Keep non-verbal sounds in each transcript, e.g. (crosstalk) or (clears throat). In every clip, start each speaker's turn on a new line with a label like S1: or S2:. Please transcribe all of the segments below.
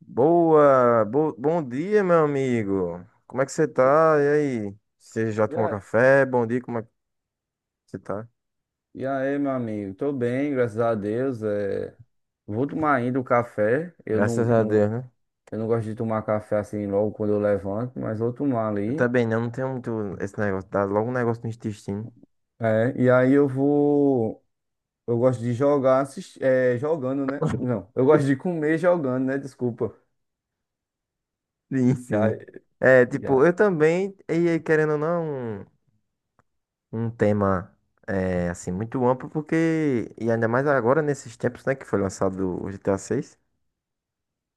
S1: Bom dia, meu amigo. Como é que você
S2: E,
S1: tá? E aí? Você já
S2: e
S1: tomou
S2: a-
S1: café? Bom dia, como é que você tá?
S2: e aí, meu amigo? Tô bem, graças a Deus. Vou tomar ainda o café. Eu
S1: Graças
S2: não,
S1: a
S2: não,
S1: Deus, né?
S2: eu não gosto de tomar café assim logo quando eu levanto, mas vou tomar
S1: Eu
S2: ali.
S1: também não tenho muito esse negócio, dá logo um negócio no intestino.
S2: É, e aí eu vou. Eu gosto de jogar, jogando, né? Não, eu gosto de comer jogando, né? Desculpa.
S1: Sim,
S2: Já,
S1: sim. É, tipo,
S2: já.
S1: eu também, e aí, querendo ou não, um tema, é, assim, muito amplo, porque, e ainda mais agora, nesses tempos, né, que foi lançado o GTA VI,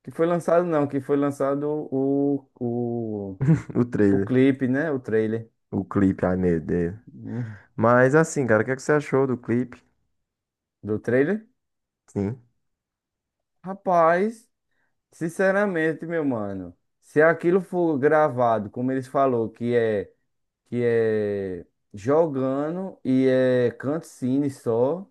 S2: Que foi lançado, não, que foi lançado o, o,
S1: (laughs) o
S2: o
S1: trailer,
S2: clipe, né? O trailer.
S1: o clipe, ai meu Deus.
S2: Hum,
S1: Mas, assim, cara, o que é que você achou do clipe?
S2: Do trailer?
S1: Sim.
S2: Rapaz. Sinceramente, meu mano, se aquilo for gravado, como eles falou, que é jogando e é cutscene só,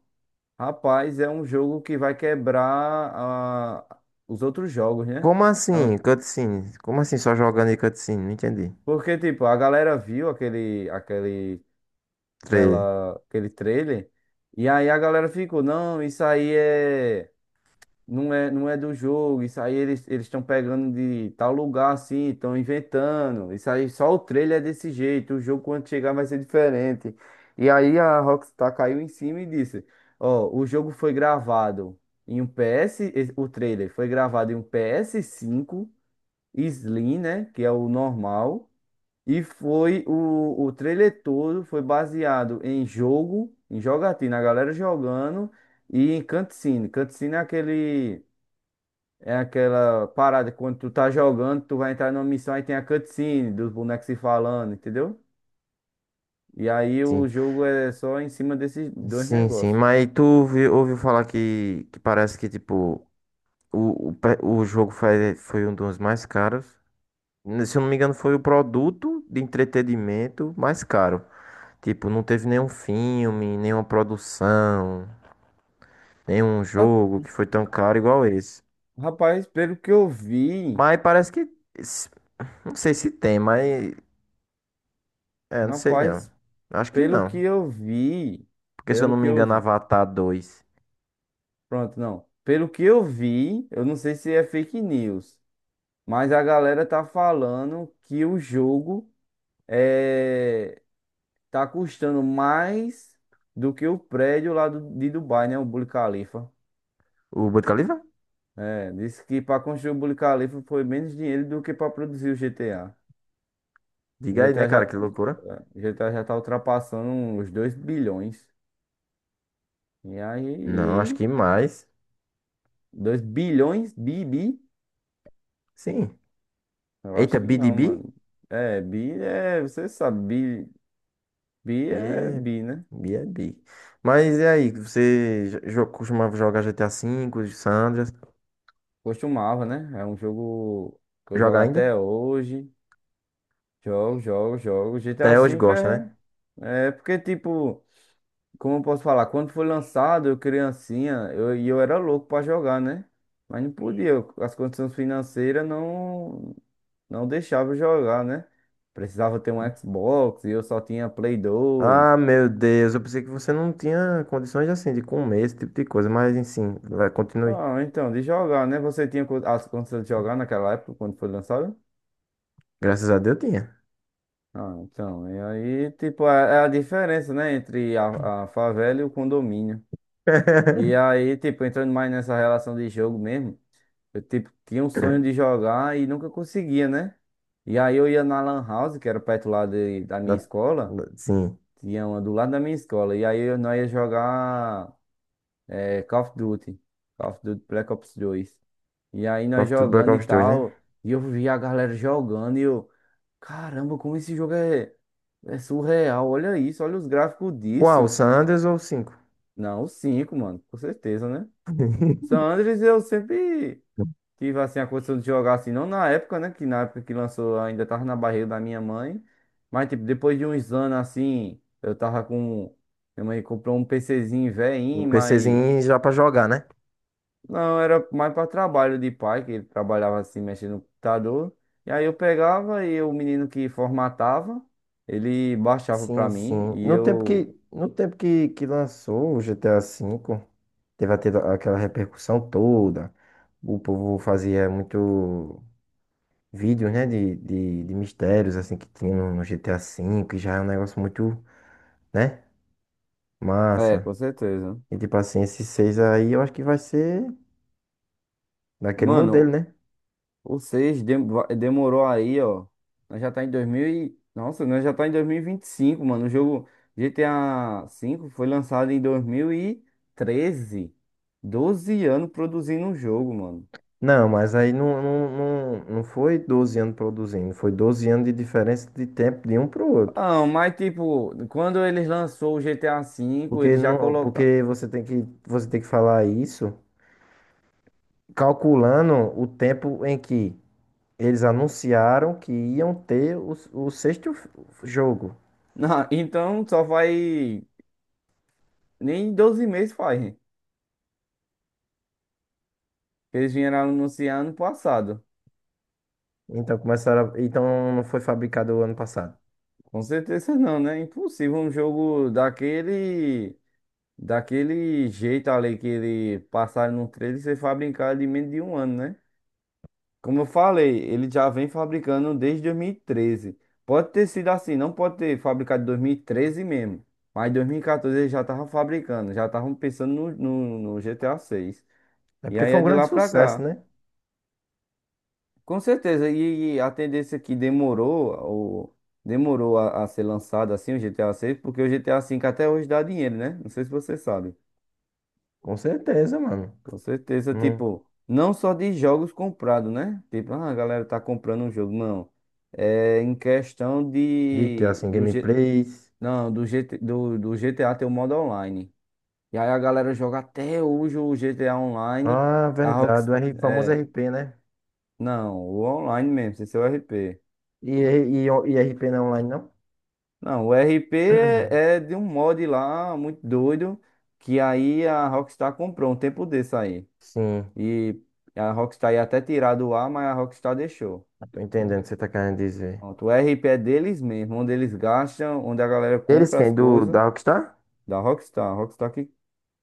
S2: rapaz, é um jogo que vai quebrar os outros jogos, né?
S1: Como
S2: É um-
S1: assim, cutscene? Como assim só jogando e cutscene? Não entendi.
S2: Porque tipo, a galera viu aquele aquele
S1: Trailer.
S2: aquela aquele trailer e aí a galera ficou, não, isso aí não é do jogo, isso aí eles estão pegando de tal lugar assim, estão inventando. Isso aí só o trailer é desse jeito, o jogo quando chegar vai ser diferente. E aí a Rockstar caiu em cima e disse: "Ó, o jogo foi gravado o trailer foi gravado em um PS5 Slim, né, que é o normal, e foi o trailer todo foi baseado em jogo, em jogatina, a galera jogando e em cutscene. Cutscene é aquele é aquela parada, quando tu tá jogando, tu vai entrar numa missão, aí tem a cutscene dos bonecos se falando, entendeu? E aí o
S1: Sim.
S2: jogo é só em cima desses dois
S1: Sim, sim.
S2: negócios.
S1: Mas ouviu falar que, parece que, tipo, o jogo foi um dos mais caros. Se eu não me engano, foi o produto de entretenimento mais caro. Tipo, não teve nenhum filme, nenhuma produção, nenhum
S2: Ra-
S1: jogo que foi tão caro igual esse.
S2: Rapaz, pelo que eu vi,
S1: Mas parece que. s- Não sei se tem, mas. É, não sei não.
S2: rapaz,
S1: Acho que
S2: pelo que
S1: não.
S2: eu vi,
S1: Porque se eu
S2: pelo
S1: não
S2: que
S1: me
S2: eu
S1: engano,
S2: vi,
S1: Avatar 2.
S2: pronto, não. Pelo que eu vi, eu não sei se é fake news, mas a galera tá falando que o jogo é tá custando mais do que o prédio lá de Dubai, né? O Burj Khalifa.
S1: O Burj Khalifa?
S2: É, disse que para construir o Burj Khalifa foi menos dinheiro do que para produzir o GTA.
S1: Diga
S2: O
S1: aí, né,
S2: GTA já,
S1: cara? Que loucura.
S2: é, GTA já tá ultrapassando os 2 bilhões. E
S1: Não, acho
S2: aí,
S1: que mais.
S2: 2 bilhões? Bi, bi?
S1: Sim.
S2: Eu
S1: Eita,
S2: acho que não,
S1: BDB?
S2: mano. É, bi é, você sabe, bi, bi
S1: B
S2: é bi, né?
S1: B é B. É B. Mas e aí? Você costumava jogar GTA V, Sandras?
S2: Costumava, né? É um jogo que eu
S1: Joga
S2: jogo
S1: ainda?
S2: até hoje. Jogo, jogo, jogo. GTA
S1: Até hoje
S2: V
S1: gosta,
S2: é.
S1: né?
S2: É porque, tipo, como eu posso falar? Quando foi lançado, eu criancinha, eu era louco pra jogar, né? Mas não podia, as condições financeiras não deixavam eu jogar, né? Precisava ter um Xbox e eu só tinha Play 2.
S1: Ah, meu Deus. Eu pensei que você não tinha condições assim de comer esse tipo de coisa. Mas, enfim, vai, continue.
S2: Ah, então, de jogar, né? Você tinha as condições de jogar naquela época, quando foi lançado?
S1: Graças a Deus tinha.
S2: Ah, então, e aí, tipo, é a diferença, né? Entre a favela e o condomínio. E
S1: (laughs)
S2: aí, tipo, entrando mais nessa relação de jogo mesmo, eu, tipo, tinha um sonho de jogar e nunca conseguia, né? E aí eu ia na Lan House, que era perto lá da minha
S1: Da-
S2: escola,
S1: Sim.
S2: tinha uma do lado da minha escola, e aí nós ia jogar é, Call of Duty, Call of Duty Black Ops dois. E aí
S1: Call
S2: nós
S1: of Duty Black
S2: jogando e
S1: Ops 2, né?
S2: tal, e eu via a galera jogando e eu, caramba, como esse jogo é surreal, olha isso, olha os gráficos
S1: Qual? O
S2: disso.
S1: San Andreas ou o 5?
S2: Não, o 5 mano, com certeza, né? San Andreas eu sempre. Tive assim a condição de jogar assim, não na época, né? Que na época que lançou eu ainda tava na barriga da minha mãe. Mas tipo, depois de uns anos assim, eu tava com. Minha mãe comprou um PCzinho
S1: Um
S2: velhinho, mas.
S1: PCzinho já pra jogar, né?
S2: Não, era mais para trabalho de pai, que ele trabalhava assim, mexendo no computador. E aí eu pegava e o menino que formatava, ele baixava pra
S1: Sim, sim.
S2: mim e
S1: No tempo
S2: eu.
S1: que, no tempo que, que lançou o GTA V, teve até aquela repercussão toda. O povo fazia muito vídeos, né, de mistérios, assim, que tinha no GTA V, e já é um negócio muito, né,
S2: É,
S1: massa.
S2: com certeza.
S1: E, tipo assim, esse 6 aí eu acho que vai ser daquele modelo,
S2: Mano,
S1: né?
S2: ou seja, demorou aí, ó. Nós já tá em 2000 e... Nossa, nós já tá em 2025 mano. O jogo GTA V foi lançado em 2013, 12 anos produzindo um jogo, mano.
S1: Não, mas aí não foi 12 anos produzindo, foi 12 anos de diferença de tempo de um pro outro.
S2: Ah, mas tipo, quando eles lançou o GTA V,
S1: Porque
S2: eles já
S1: não,
S2: colocaram.
S1: porque você tem que falar isso calculando o tempo em que eles anunciaram que iam ter o sexto jogo.
S2: (laughs) Não, então só vai. Nem 12 meses faz. Eles vieram anunciar ano passado.
S1: Então começaram, então não foi fabricado o ano passado.
S2: Com certeza não, né? Impossível um jogo daquele. Daquele jeito ali que ele passar no trailer, ser fabricado em menos de um ano, né? Como eu falei, ele já vem fabricando desde 2013. Pode ter sido assim, não pode ter fabricado em 2013 mesmo. Mas em 2014 ele já tava fabricando, já estavam pensando no GTA 6.
S1: É
S2: E
S1: porque
S2: aí
S1: foi
S2: é
S1: um
S2: de
S1: grande
S2: lá pra
S1: sucesso,
S2: cá.
S1: né?
S2: Com certeza, e a tendência que demorou, demorou a ser lançado assim o GTA 6, porque o GTA 5 até hoje dá dinheiro, né? Não sei se você sabe.
S1: Com certeza, mano.
S2: Com certeza,
S1: Não,
S2: tipo, não só de jogos comprados, né? Tipo, ah, a galera tá comprando um jogo, não. É em questão
S1: de que
S2: de
S1: assim,
S2: do
S1: gameplays.
S2: G, não, do GT, do, do GTA ter o modo online. E aí a galera joga até hoje o GTA online,
S1: Ah,
S2: a
S1: verdade,
S2: Rox,
S1: o R, famoso
S2: é,
S1: r p né?
S2: não, o online mesmo, sem ser o RP.
S1: E, e r p não é online, não?
S2: Não, o RP
S1: (clears throat)
S2: é de um mod lá muito doido que aí a Rockstar comprou um tempo desse aí.
S1: Sim,
S2: E a Rockstar ia até tirar do ar, mas a Rockstar deixou.
S1: tô entendendo o que você tá querendo dizer.
S2: Pronto, o RP é deles mesmo, onde eles gastam, onde a galera
S1: Eles
S2: compra as
S1: quem?
S2: coisas
S1: Da Rockstar?
S2: da Rockstar. Rockstar que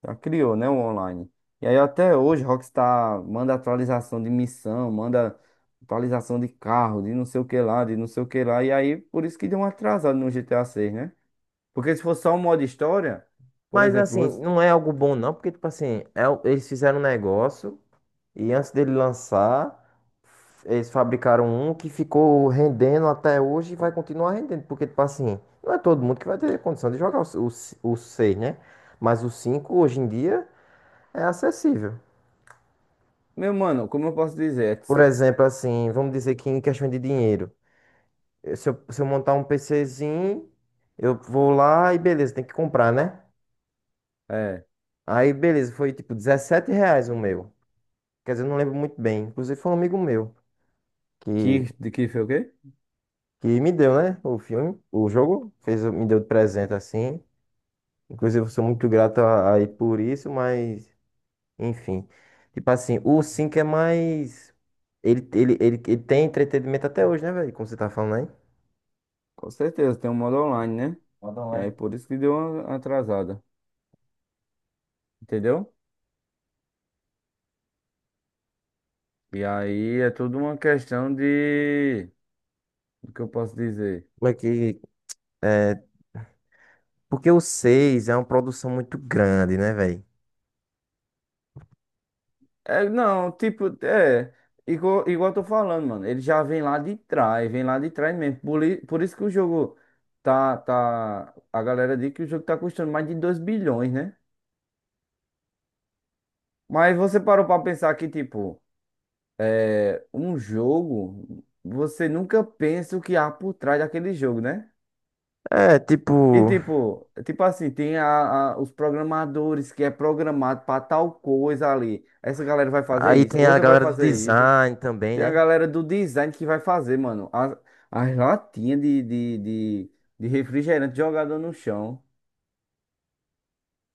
S2: já criou, né, o online. E aí até hoje Rockstar manda atualização de missão, manda atualização de carro, de não sei o que lá, de não sei o que lá. E aí por isso que deu um atrasado no GTA 6, né? Porque se fosse só um modo história, por
S1: Mas
S2: exemplo,
S1: assim, não é algo bom não, porque tipo assim, eles fizeram um negócio e antes dele lançar, eles fabricaram um que ficou rendendo até hoje e vai continuar rendendo, porque tipo assim, não é todo mundo que vai ter condição de jogar 6, né? Mas o 5 hoje em dia é acessível.
S2: meu mano, como eu posso dizer?
S1: Por exemplo, assim, vamos dizer que em questão de dinheiro, se eu montar um PCzinho, eu vou lá e beleza, tem que comprar, né?
S2: É,
S1: Aí beleza, foi tipo R$ 17 o meu. Quer dizer, eu não lembro muito bem. Inclusive, foi um amigo meu que,
S2: que foi o quê?
S1: que me deu, né? O filme, o jogo, fez, me deu de presente assim. Inclusive, eu sou muito grato a ele por isso, mas, enfim. Tipo assim, o 5 é mais. Ele tem entretenimento até hoje, né, velho? Como você tá falando aí.
S2: Com certeza tem um modo online, né?
S1: Manda
S2: E aí
S1: online.
S2: por isso que deu uma atrasada, entendeu? E aí é tudo uma questão de. O que eu posso dizer?
S1: Como é que. É, porque o 6 é uma produção muito grande, né, velho?
S2: É, não, tipo, é. Igual eu tô falando, mano. Ele já vem lá de trás, vem lá de trás mesmo. Por isso que o jogo tá. A galera diz que o jogo tá custando mais de 2 bilhões, né? Mas você parou pra pensar que, tipo, um jogo, você nunca pensa o que há por trás daquele jogo, né?
S1: É,
S2: E
S1: tipo.
S2: tipo assim, tem os programadores que é programado para tal coisa ali. Essa galera vai fazer
S1: Aí
S2: isso,
S1: tem a
S2: outra vai
S1: galera do
S2: fazer isso.
S1: design também,
S2: Tem a
S1: né?
S2: galera do design que vai fazer, mano, as latinhas de refrigerante jogada no chão.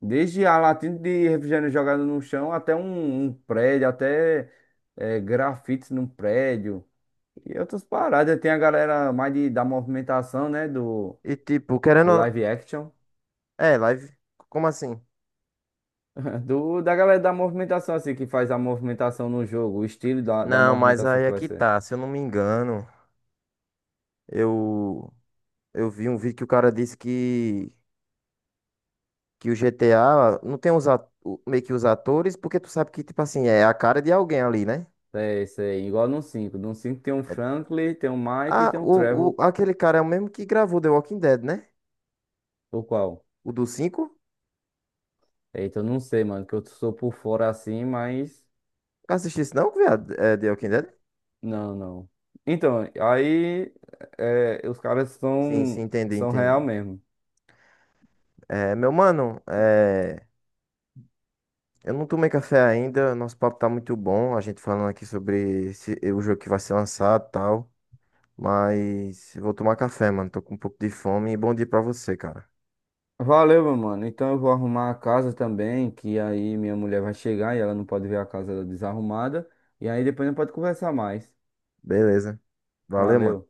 S2: Desde a latinha de refrigerante jogada no chão até um prédio, até grafite num prédio. E outras paradas. Tem a galera mais da movimentação, né? Do,
S1: E, tipo, querendo.
S2: do live action.
S1: É, live. Como assim?
S2: (laughs) Da galera da movimentação, assim, que faz a movimentação no jogo, o estilo da
S1: Não, mas
S2: movimentação
S1: aí
S2: que
S1: é
S2: vai
S1: que
S2: ser.
S1: tá, se eu não me engano, eu eu vi um vídeo que o cara disse que o GTA não tem os meio que os atores, porque tu sabe que tipo assim, é a cara de alguém ali, né?
S2: É isso aí, igual no cinco. No 5 tem um Franklin, tem um Mike e
S1: Ah,
S2: tem um
S1: o,
S2: Trevor.
S1: o aquele cara é o mesmo que gravou The Walking Dead, né?
S2: O qual?
S1: O do cinco?
S2: Eita, eu não sei, mano, que eu sou por fora assim, mas.
S1: Assistiu isso não, viado? É The Walking Dead?
S2: Não, não. Então, aí. Os caras
S1: Sim, sim,
S2: são,
S1: entendi,
S2: são
S1: entendi.
S2: real mesmo.
S1: É, meu mano, eu não tomei café ainda, nosso papo tá muito bom, a gente falando aqui sobre o jogo que vai ser lançado, e tal. Mas eu vou tomar café, mano. Tô com um pouco de fome. E bom dia pra você, cara.
S2: Valeu, meu mano. Então eu vou arrumar a casa também, que aí minha mulher vai chegar e ela não pode ver a casa desarrumada. E aí depois não pode conversar mais.
S1: Beleza. Valeu, mano.
S2: Valeu.